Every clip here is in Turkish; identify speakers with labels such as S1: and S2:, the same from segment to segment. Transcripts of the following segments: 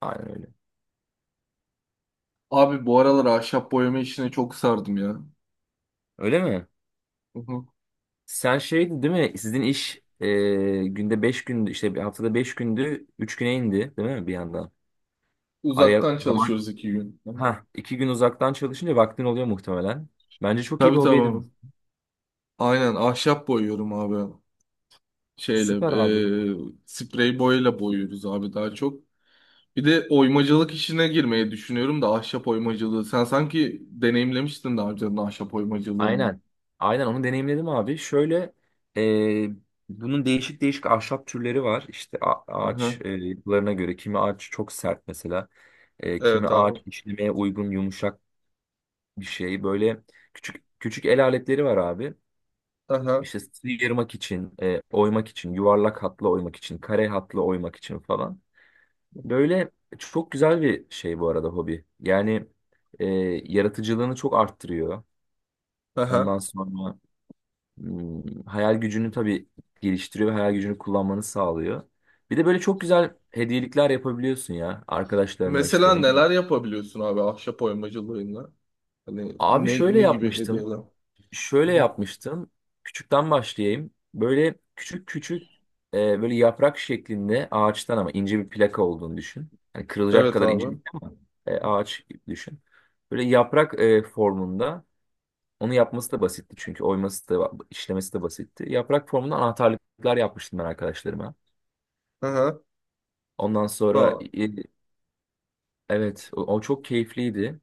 S1: Aynen öyle.
S2: Abi bu aralar ahşap boyama işine çok sardım ya.
S1: Öyle mi?
S2: Hı hı.
S1: Sen şeydi değil mi? Sizin iş günde 5 gündü işte bir haftada 5 gündü 3 güne indi değil mi bir yandan? Araya o
S2: Uzaktan
S1: zaman
S2: çalışıyoruz 2 gün. Hı.
S1: ha 2 gün uzaktan çalışınca vaktin oluyor muhtemelen. Bence çok iyi bir
S2: Tabii
S1: hobi
S2: tabii
S1: edinmiş.
S2: abi. Aynen ahşap boyuyorum abi. Şeyle
S1: Süper abi.
S2: sprey boyayla boyuyoruz abi daha çok. Bir de oymacılık işine girmeyi düşünüyorum da ahşap oymacılığı. Sen sanki deneyimlemiştin daha önceden ahşap oymacılığını.
S1: Aynen. Aynen onu deneyimledim abi. Şöyle e, bunun değişik değişik ahşap türleri var. İşte
S2: Hı
S1: ağaç
S2: hı.
S1: yapılarına göre kimi ağaç çok sert mesela. Kimi
S2: Evet abi.
S1: ağaç işlemeye uygun yumuşak bir şey. Böyle küçük küçük el aletleri var abi.
S2: Hı hı.
S1: İşte sıyırmak için, oymak için, yuvarlak hatla oymak için, kare hatla oymak için falan. Böyle çok güzel bir şey bu arada hobi. Yani e, yaratıcılığını çok arttırıyor. Ondan sonra hayal gücünü tabii geliştiriyor ve hayal gücünü kullanmanı sağlıyor. Bir de böyle çok güzel hediyelikler yapabiliyorsun ya arkadaşlarına işte
S2: Mesela
S1: ne bileyim.
S2: neler yapabiliyorsun abi ahşap oymacılığıyla? Hani
S1: Abi
S2: ne,
S1: şöyle
S2: ne gibi hediyeler?
S1: yapmıştım.
S2: Hı
S1: Şöyle
S2: hı.
S1: yapmıştım. Küçükten başlayayım. Böyle küçük küçük böyle yaprak şeklinde ağaçtan ama ince bir plaka olduğunu düşün. Yani kırılacak evet
S2: Evet
S1: kadar ince
S2: abi.
S1: değil ama ağaç gibi düşün. Böyle yaprak formunda onu yapması da basitti çünkü oyması da işlemesi de basitti. Yaprak formunda anahtarlıklar yapmıştım ben arkadaşlarıma.
S2: Aha.
S1: Ondan sonra
S2: Ha.
S1: evet o çok keyifliydi.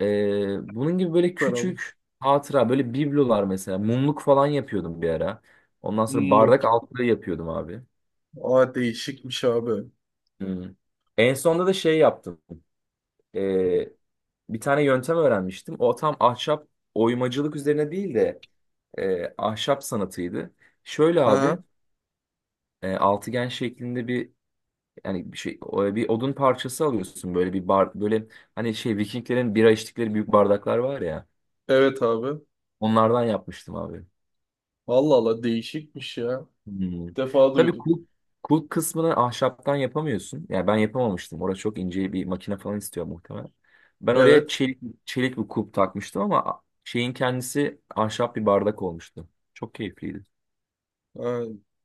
S1: Bunun gibi böyle
S2: Beraber.
S1: küçük hatıra böyle biblolar mesela mumluk falan yapıyordum bir ara. Ondan sonra
S2: Mumluk.
S1: bardak altlığı yapıyordum abi.
S2: Aa değişikmiş abi.
S1: Hmm. En sonunda da şey yaptım. Ee, Bir tane yöntem öğrenmiştim. O tam ahşap oymacılık üzerine değil de ahşap sanatıydı. Şöyle abi
S2: Aha.
S1: altıgen şeklinde bir yani bir şey bir odun parçası alıyorsun böyle bir bar böyle hani şey Vikinglerin bira içtikleri büyük bardaklar var ya
S2: Evet abi.
S1: onlardan yapmıştım abi.
S2: Allah Allah değişikmiş ya.
S1: Hmm.
S2: İlk defa
S1: Tabii
S2: duydum.
S1: kulp, kulp kısmını ahşaptan yapamıyorsun. Yani ben yapamamıştım. Orada çok ince bir makine falan istiyor muhtemelen. Ben oraya
S2: Evet.
S1: çelik, çelik bir kulp takmıştım ama şeyin kendisi ahşap bir bardak olmuştu. Çok keyifliydi.
S2: Ha,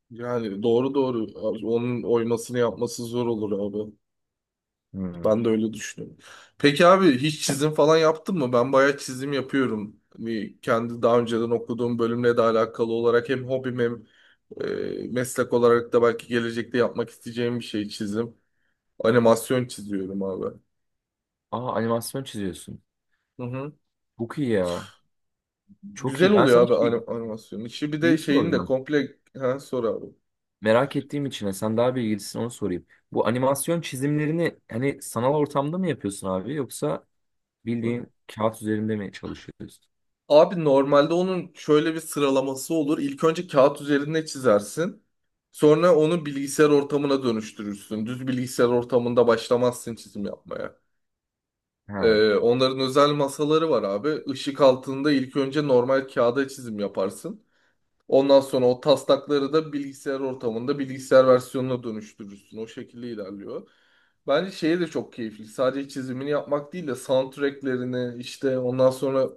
S2: yani doğru doğru. Abi, onun oymasını yapması zor olur abi.
S1: Hmm.
S2: Ben de öyle düşünüyorum. Peki abi hiç çizim falan yaptın mı? Ben bayağı çizim yapıyorum. Bir kendi daha önceden okuduğum bölümle de alakalı olarak hem hobim hem meslek olarak da belki gelecekte yapmak isteyeceğim bir şey çizim. Animasyon çiziyorum abi.
S1: Aa animasyon çiziyorsun.
S2: Hı hı.
S1: Çok iyi ya. Çok
S2: Güzel
S1: iyi. Ben
S2: oluyor
S1: sana
S2: abi
S1: şey,
S2: animasyonu. İşi bir de
S1: şeyi
S2: şeyin de
S1: soracağım.
S2: komple ha, sor abi.
S1: Merak ettiğim için sen daha bilgilisin onu sorayım. Bu animasyon çizimlerini hani sanal ortamda mı yapıyorsun abi yoksa
S2: Hı.
S1: bildiğin kağıt üzerinde mi çalışıyorsun?
S2: Abi normalde onun şöyle bir sıralaması olur. İlk önce kağıt üzerinde çizersin. Sonra onu bilgisayar ortamına dönüştürürsün. Düz bilgisayar ortamında başlamazsın çizim yapmaya.
S1: Ha,
S2: Onların özel masaları var abi. Işık altında ilk önce normal kağıda çizim yaparsın. Ondan sonra o taslakları da bilgisayar ortamında bilgisayar versiyonuna dönüştürürsün. O şekilde ilerliyor. Bence şeye de çok keyifli. Sadece çizimini yapmak değil de soundtracklerini işte ondan sonra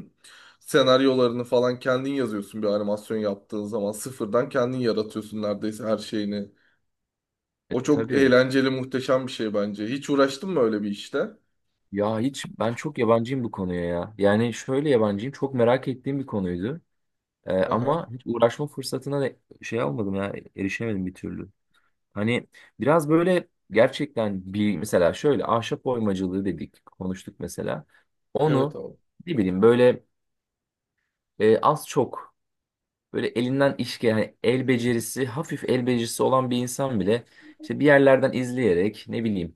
S2: senaryolarını falan kendin yazıyorsun bir animasyon yaptığın zaman. Sıfırdan kendin yaratıyorsun neredeyse her şeyini. O çok
S1: tabii.
S2: eğlenceli, muhteşem bir şey bence. Hiç uğraştın mı öyle bir işte?
S1: Ya hiç ben çok yabancıyım bu konuya ya. Yani şöyle yabancıyım çok merak ettiğim bir konuydu.
S2: Aha.
S1: Ama hiç uğraşma fırsatına da şey almadım ya erişemedim bir türlü. Hani biraz böyle gerçekten bir mesela şöyle ahşap oymacılığı dedik konuştuk mesela.
S2: Evet
S1: Onu
S2: abi.
S1: ne bileyim böyle az çok böyle elinden iş gelen yani el becerisi, hafif el becerisi olan bir insan bile işte bir yerlerden izleyerek ne bileyim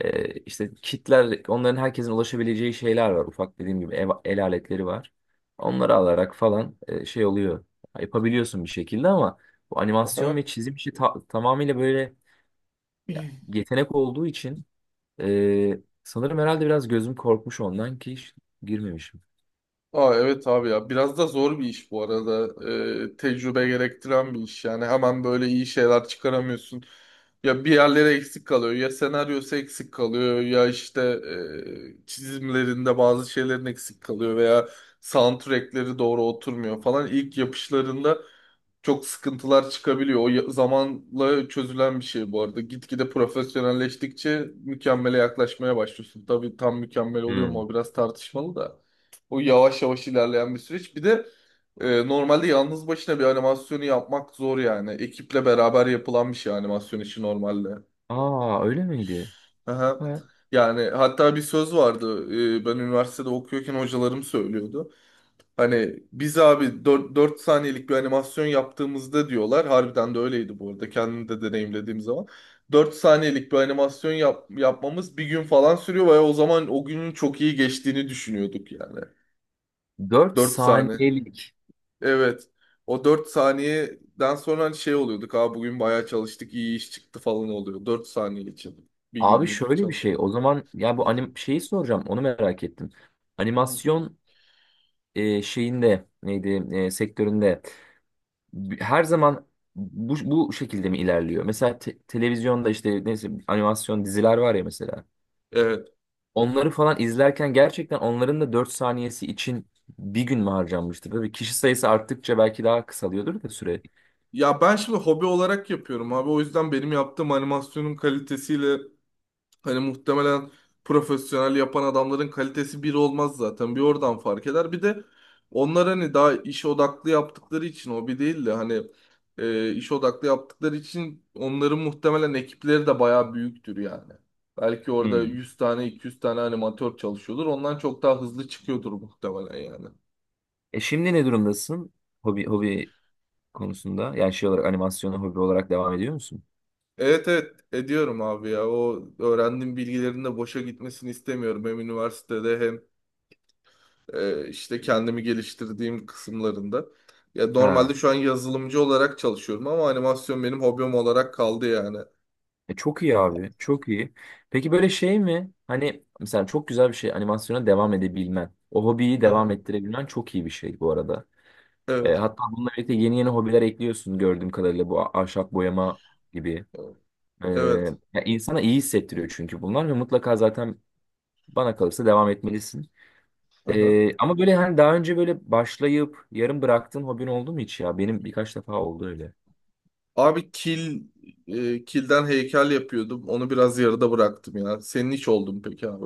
S1: işte kitler onların herkesin ulaşabileceği şeyler var. Ufak dediğim gibi ev, el aletleri var. Onları alarak falan şey oluyor. Yapabiliyorsun bir şekilde ama bu animasyon ve
S2: Aha.
S1: çizim işi tamamıyla böyle yetenek olduğu için sanırım herhalde biraz gözüm korkmuş ondan ki hiç girmemişim.
S2: Aa, evet abi ya biraz da zor bir iş bu arada. Tecrübe gerektiren bir iş yani hemen böyle iyi şeyler çıkaramıyorsun, ya bir yerlere eksik kalıyor, ya senaryosu eksik kalıyor, ya işte çizimlerinde bazı şeylerin eksik kalıyor veya soundtrackleri doğru oturmuyor falan ilk yapışlarında çok sıkıntılar çıkabiliyor. O zamanla çözülen bir şey bu arada, gitgide profesyonelleştikçe mükemmele yaklaşmaya başlıyorsun, tabii tam mükemmel oluyor mu
S1: Hmm.
S2: o biraz tartışmalı da. O yavaş yavaş ilerleyen bir süreç. Bir de normalde yalnız başına bir animasyonu yapmak zor yani. Ekiple beraber yapılan bir şey animasyon işi normalde.
S1: Aa öyle miydi?
S2: Aha. Yani hatta bir söz vardı. Ben üniversitede okuyorken hocalarım söylüyordu. Hani biz abi 4 saniyelik bir animasyon yaptığımızda diyorlar. Harbiden de öyleydi bu arada. Kendim de deneyimlediğim zaman. 4 saniyelik bir animasyon yapmamız bir gün falan sürüyor ve o zaman o günün çok iyi geçtiğini düşünüyorduk yani.
S1: 4
S2: 4 saniye.
S1: saniyelik.
S2: Evet. O 4 saniyeden sonra hani şey oluyorduk. Aa bugün bayağı çalıştık, iyi iş çıktı falan oluyor. 4 saniye için. Bir
S1: Abi
S2: günlük
S1: şöyle bir
S2: çalışma.
S1: şey. O zaman ya bu
S2: Hı.
S1: anim şeyi soracağım. Onu merak ettim.
S2: Hı.
S1: Animasyon şeyinde neydi sektöründe her zaman bu şekilde mi ilerliyor? Mesela televizyonda işte neyse animasyon diziler var ya mesela.
S2: Evet.
S1: Onları falan izlerken gerçekten onların da 4 saniyesi için bir gün mü harcanmıştır? Tabii kişi sayısı arttıkça belki daha kısalıyordur da süre.
S2: Ya ben şimdi hobi olarak yapıyorum abi. O yüzden benim yaptığım animasyonun kalitesiyle hani muhtemelen profesyonel yapan adamların kalitesi bir olmaz zaten. Bir oradan fark eder. Bir de onlar hani daha iş odaklı yaptıkları için, hobi değil de, hani iş odaklı yaptıkları için onların muhtemelen ekipleri de bayağı büyüktür yani. Belki orada
S1: Hmm.
S2: 100 tane 200 tane animatör çalışıyordur. Ondan çok daha hızlı çıkıyordur muhtemelen yani.
S1: E şimdi ne durumdasın? Hobi hobi konusunda yani şey olarak animasyonu hobi olarak devam ediyor musun?
S2: Evet evet ediyorum abi ya. O öğrendiğim bilgilerin de boşa gitmesini istemiyorum. Hem üniversitede hem işte kendimi geliştirdiğim kısımlarında. Ya
S1: Ha.
S2: normalde şu an yazılımcı olarak çalışıyorum ama animasyon benim hobim olarak kaldı yani.
S1: Çok iyi abi, çok iyi. Peki böyle şey mi? Hani mesela çok güzel bir şey animasyona devam edebilmen, o hobiyi
S2: Aha,
S1: devam ettirebilmen çok iyi bir şey bu arada.
S2: evet.
S1: Hatta bununla birlikte yeni yeni hobiler ekliyorsun gördüğüm kadarıyla bu ahşap boyama gibi. E,
S2: Evet.
S1: Ya insana iyi hissettiriyor çünkü bunlar ve mutlaka zaten bana kalırsa devam etmelisin.
S2: Aha.
S1: Ama böyle hani daha önce böyle başlayıp yarım bıraktığın hobin oldu mu hiç ya? Benim birkaç defa oldu öyle.
S2: Abi kilden heykel yapıyordum. Onu biraz yarıda bıraktım ya. Senin hiç oldu mu peki abi?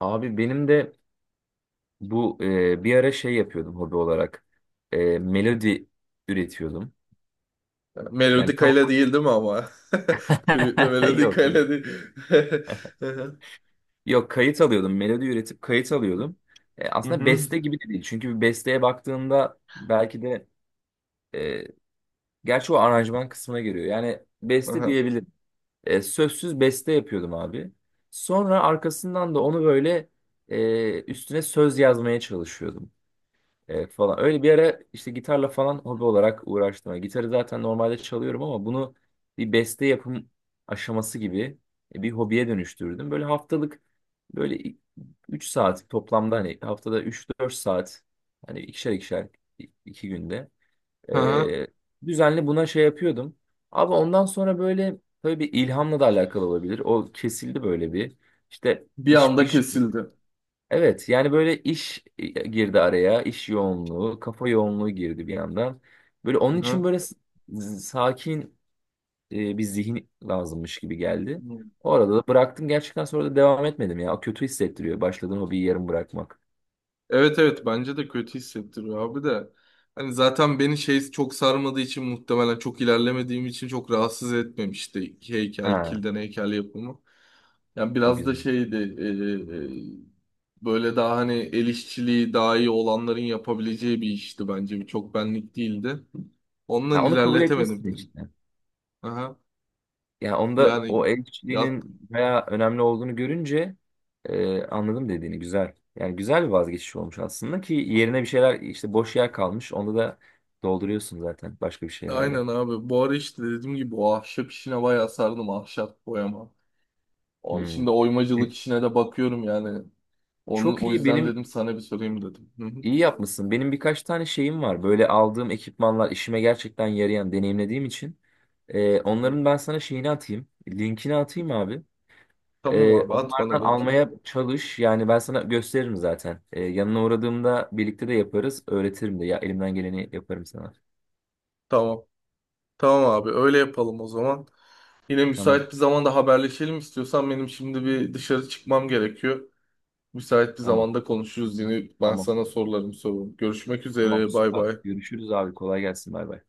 S1: Abi benim de bu bir ara şey yapıyordum hobi olarak. Melodi üretiyordum.
S2: Yani
S1: Yani tamam.
S2: melodikayla değil, değil mi ama? Flütle
S1: Yok yok.
S2: melodikayla değil. Hı hı.
S1: Yok kayıt alıyordum. Melodi üretip kayıt alıyordum.
S2: Hı
S1: Aslında
S2: hı.
S1: beste gibi de değil. Çünkü bir besteye baktığında belki de e, gerçi o aranjman kısmına giriyor. Yani beste
S2: Aha.
S1: diyebilirim. Sözsüz beste yapıyordum abi. Sonra arkasından da onu böyle üstüne söz yazmaya çalışıyordum. Evet falan. Öyle bir ara işte gitarla falan hobi olarak uğraştım. Yani gitarı zaten normalde çalıyorum ama bunu bir beste yapım aşaması gibi bir hobiye dönüştürdüm. Böyle haftalık böyle 3 saat toplamda hani haftada 3 4 saat hani ikişer ikişer 2 günde
S2: Aha.
S1: ee, düzenli buna şey yapıyordum. Ama ondan sonra böyle tabii bir ilhamla da alakalı olabilir. O kesildi böyle bir. İşte
S2: Bir
S1: iş
S2: anda
S1: iş
S2: kesildi.
S1: evet yani böyle iş girdi araya, iş yoğunluğu, kafa yoğunluğu girdi bir yandan. Böyle onun için
S2: Aha.
S1: böyle sakin bir zihin lazımmış gibi geldi.
S2: Hı.
S1: O arada da bıraktım gerçekten sonra da devam etmedim ya. O kötü hissettiriyor başladığın hobiyi yarım bırakmak.
S2: Evet evet bence de kötü hissettiriyor abi de. Hani zaten beni şey çok sarmadığı için, muhtemelen çok ilerlemediğim için çok rahatsız etmemişti heykel,
S1: Ha
S2: kilden heykel yapımı. Yani
S1: o
S2: biraz da
S1: güzel.
S2: şeydi, böyle daha hani el işçiliği daha iyi olanların yapabileceği bir işti bence. Bir çok benlik değildi. Ondan
S1: Ha, onu kabul
S2: ilerletemedim
S1: etmişsin
S2: beni.
S1: işte.
S2: Aha.
S1: Yani onda o
S2: Yani
S1: el
S2: yat,
S1: kişiliğinin bayağı önemli olduğunu görünce anladım dediğini güzel. Yani güzel bir vazgeçiş olmuş aslında ki yerine bir şeyler işte boş yer kalmış. Onda da dolduruyorsun zaten başka bir şeylerle.
S2: aynen abi bu ara işte dediğim gibi o ahşap işine bayağı sardım, ahşap boyama. O,
S1: Hmm.
S2: şimdi oymacılık
S1: E,
S2: işine de bakıyorum yani. Onu,
S1: Çok
S2: o
S1: iyi
S2: yüzden
S1: benim
S2: dedim sana bir sorayım dedim. Hı hı,
S1: iyi yapmışsın. Benim birkaç tane şeyim var. Böyle aldığım ekipmanlar işime gerçekten yarayan deneyimlediğim için.
S2: hı hı.
S1: Onların ben sana şeyini atayım. Linkini atayım abi.
S2: Tamam abi, at bana
S1: Onlardan
S2: linkini.
S1: almaya çalış. Yani ben sana gösteririm zaten. Yanına uğradığımda birlikte de yaparız. Öğretirim de. Ya elimden geleni yaparım sana.
S2: Tamam. Tamam abi, öyle yapalım o zaman. Yine
S1: Tamam.
S2: müsait bir zamanda haberleşelim istiyorsan, benim şimdi bir dışarı çıkmam gerekiyor. Müsait bir
S1: Tamam.
S2: zamanda konuşuruz, yine ben
S1: Tamam.
S2: sana sorularımı sorarım. Görüşmek
S1: Tamam.
S2: üzere, bay
S1: Süper.
S2: bay.
S1: Görüşürüz abi. Kolay gelsin. Bay bay.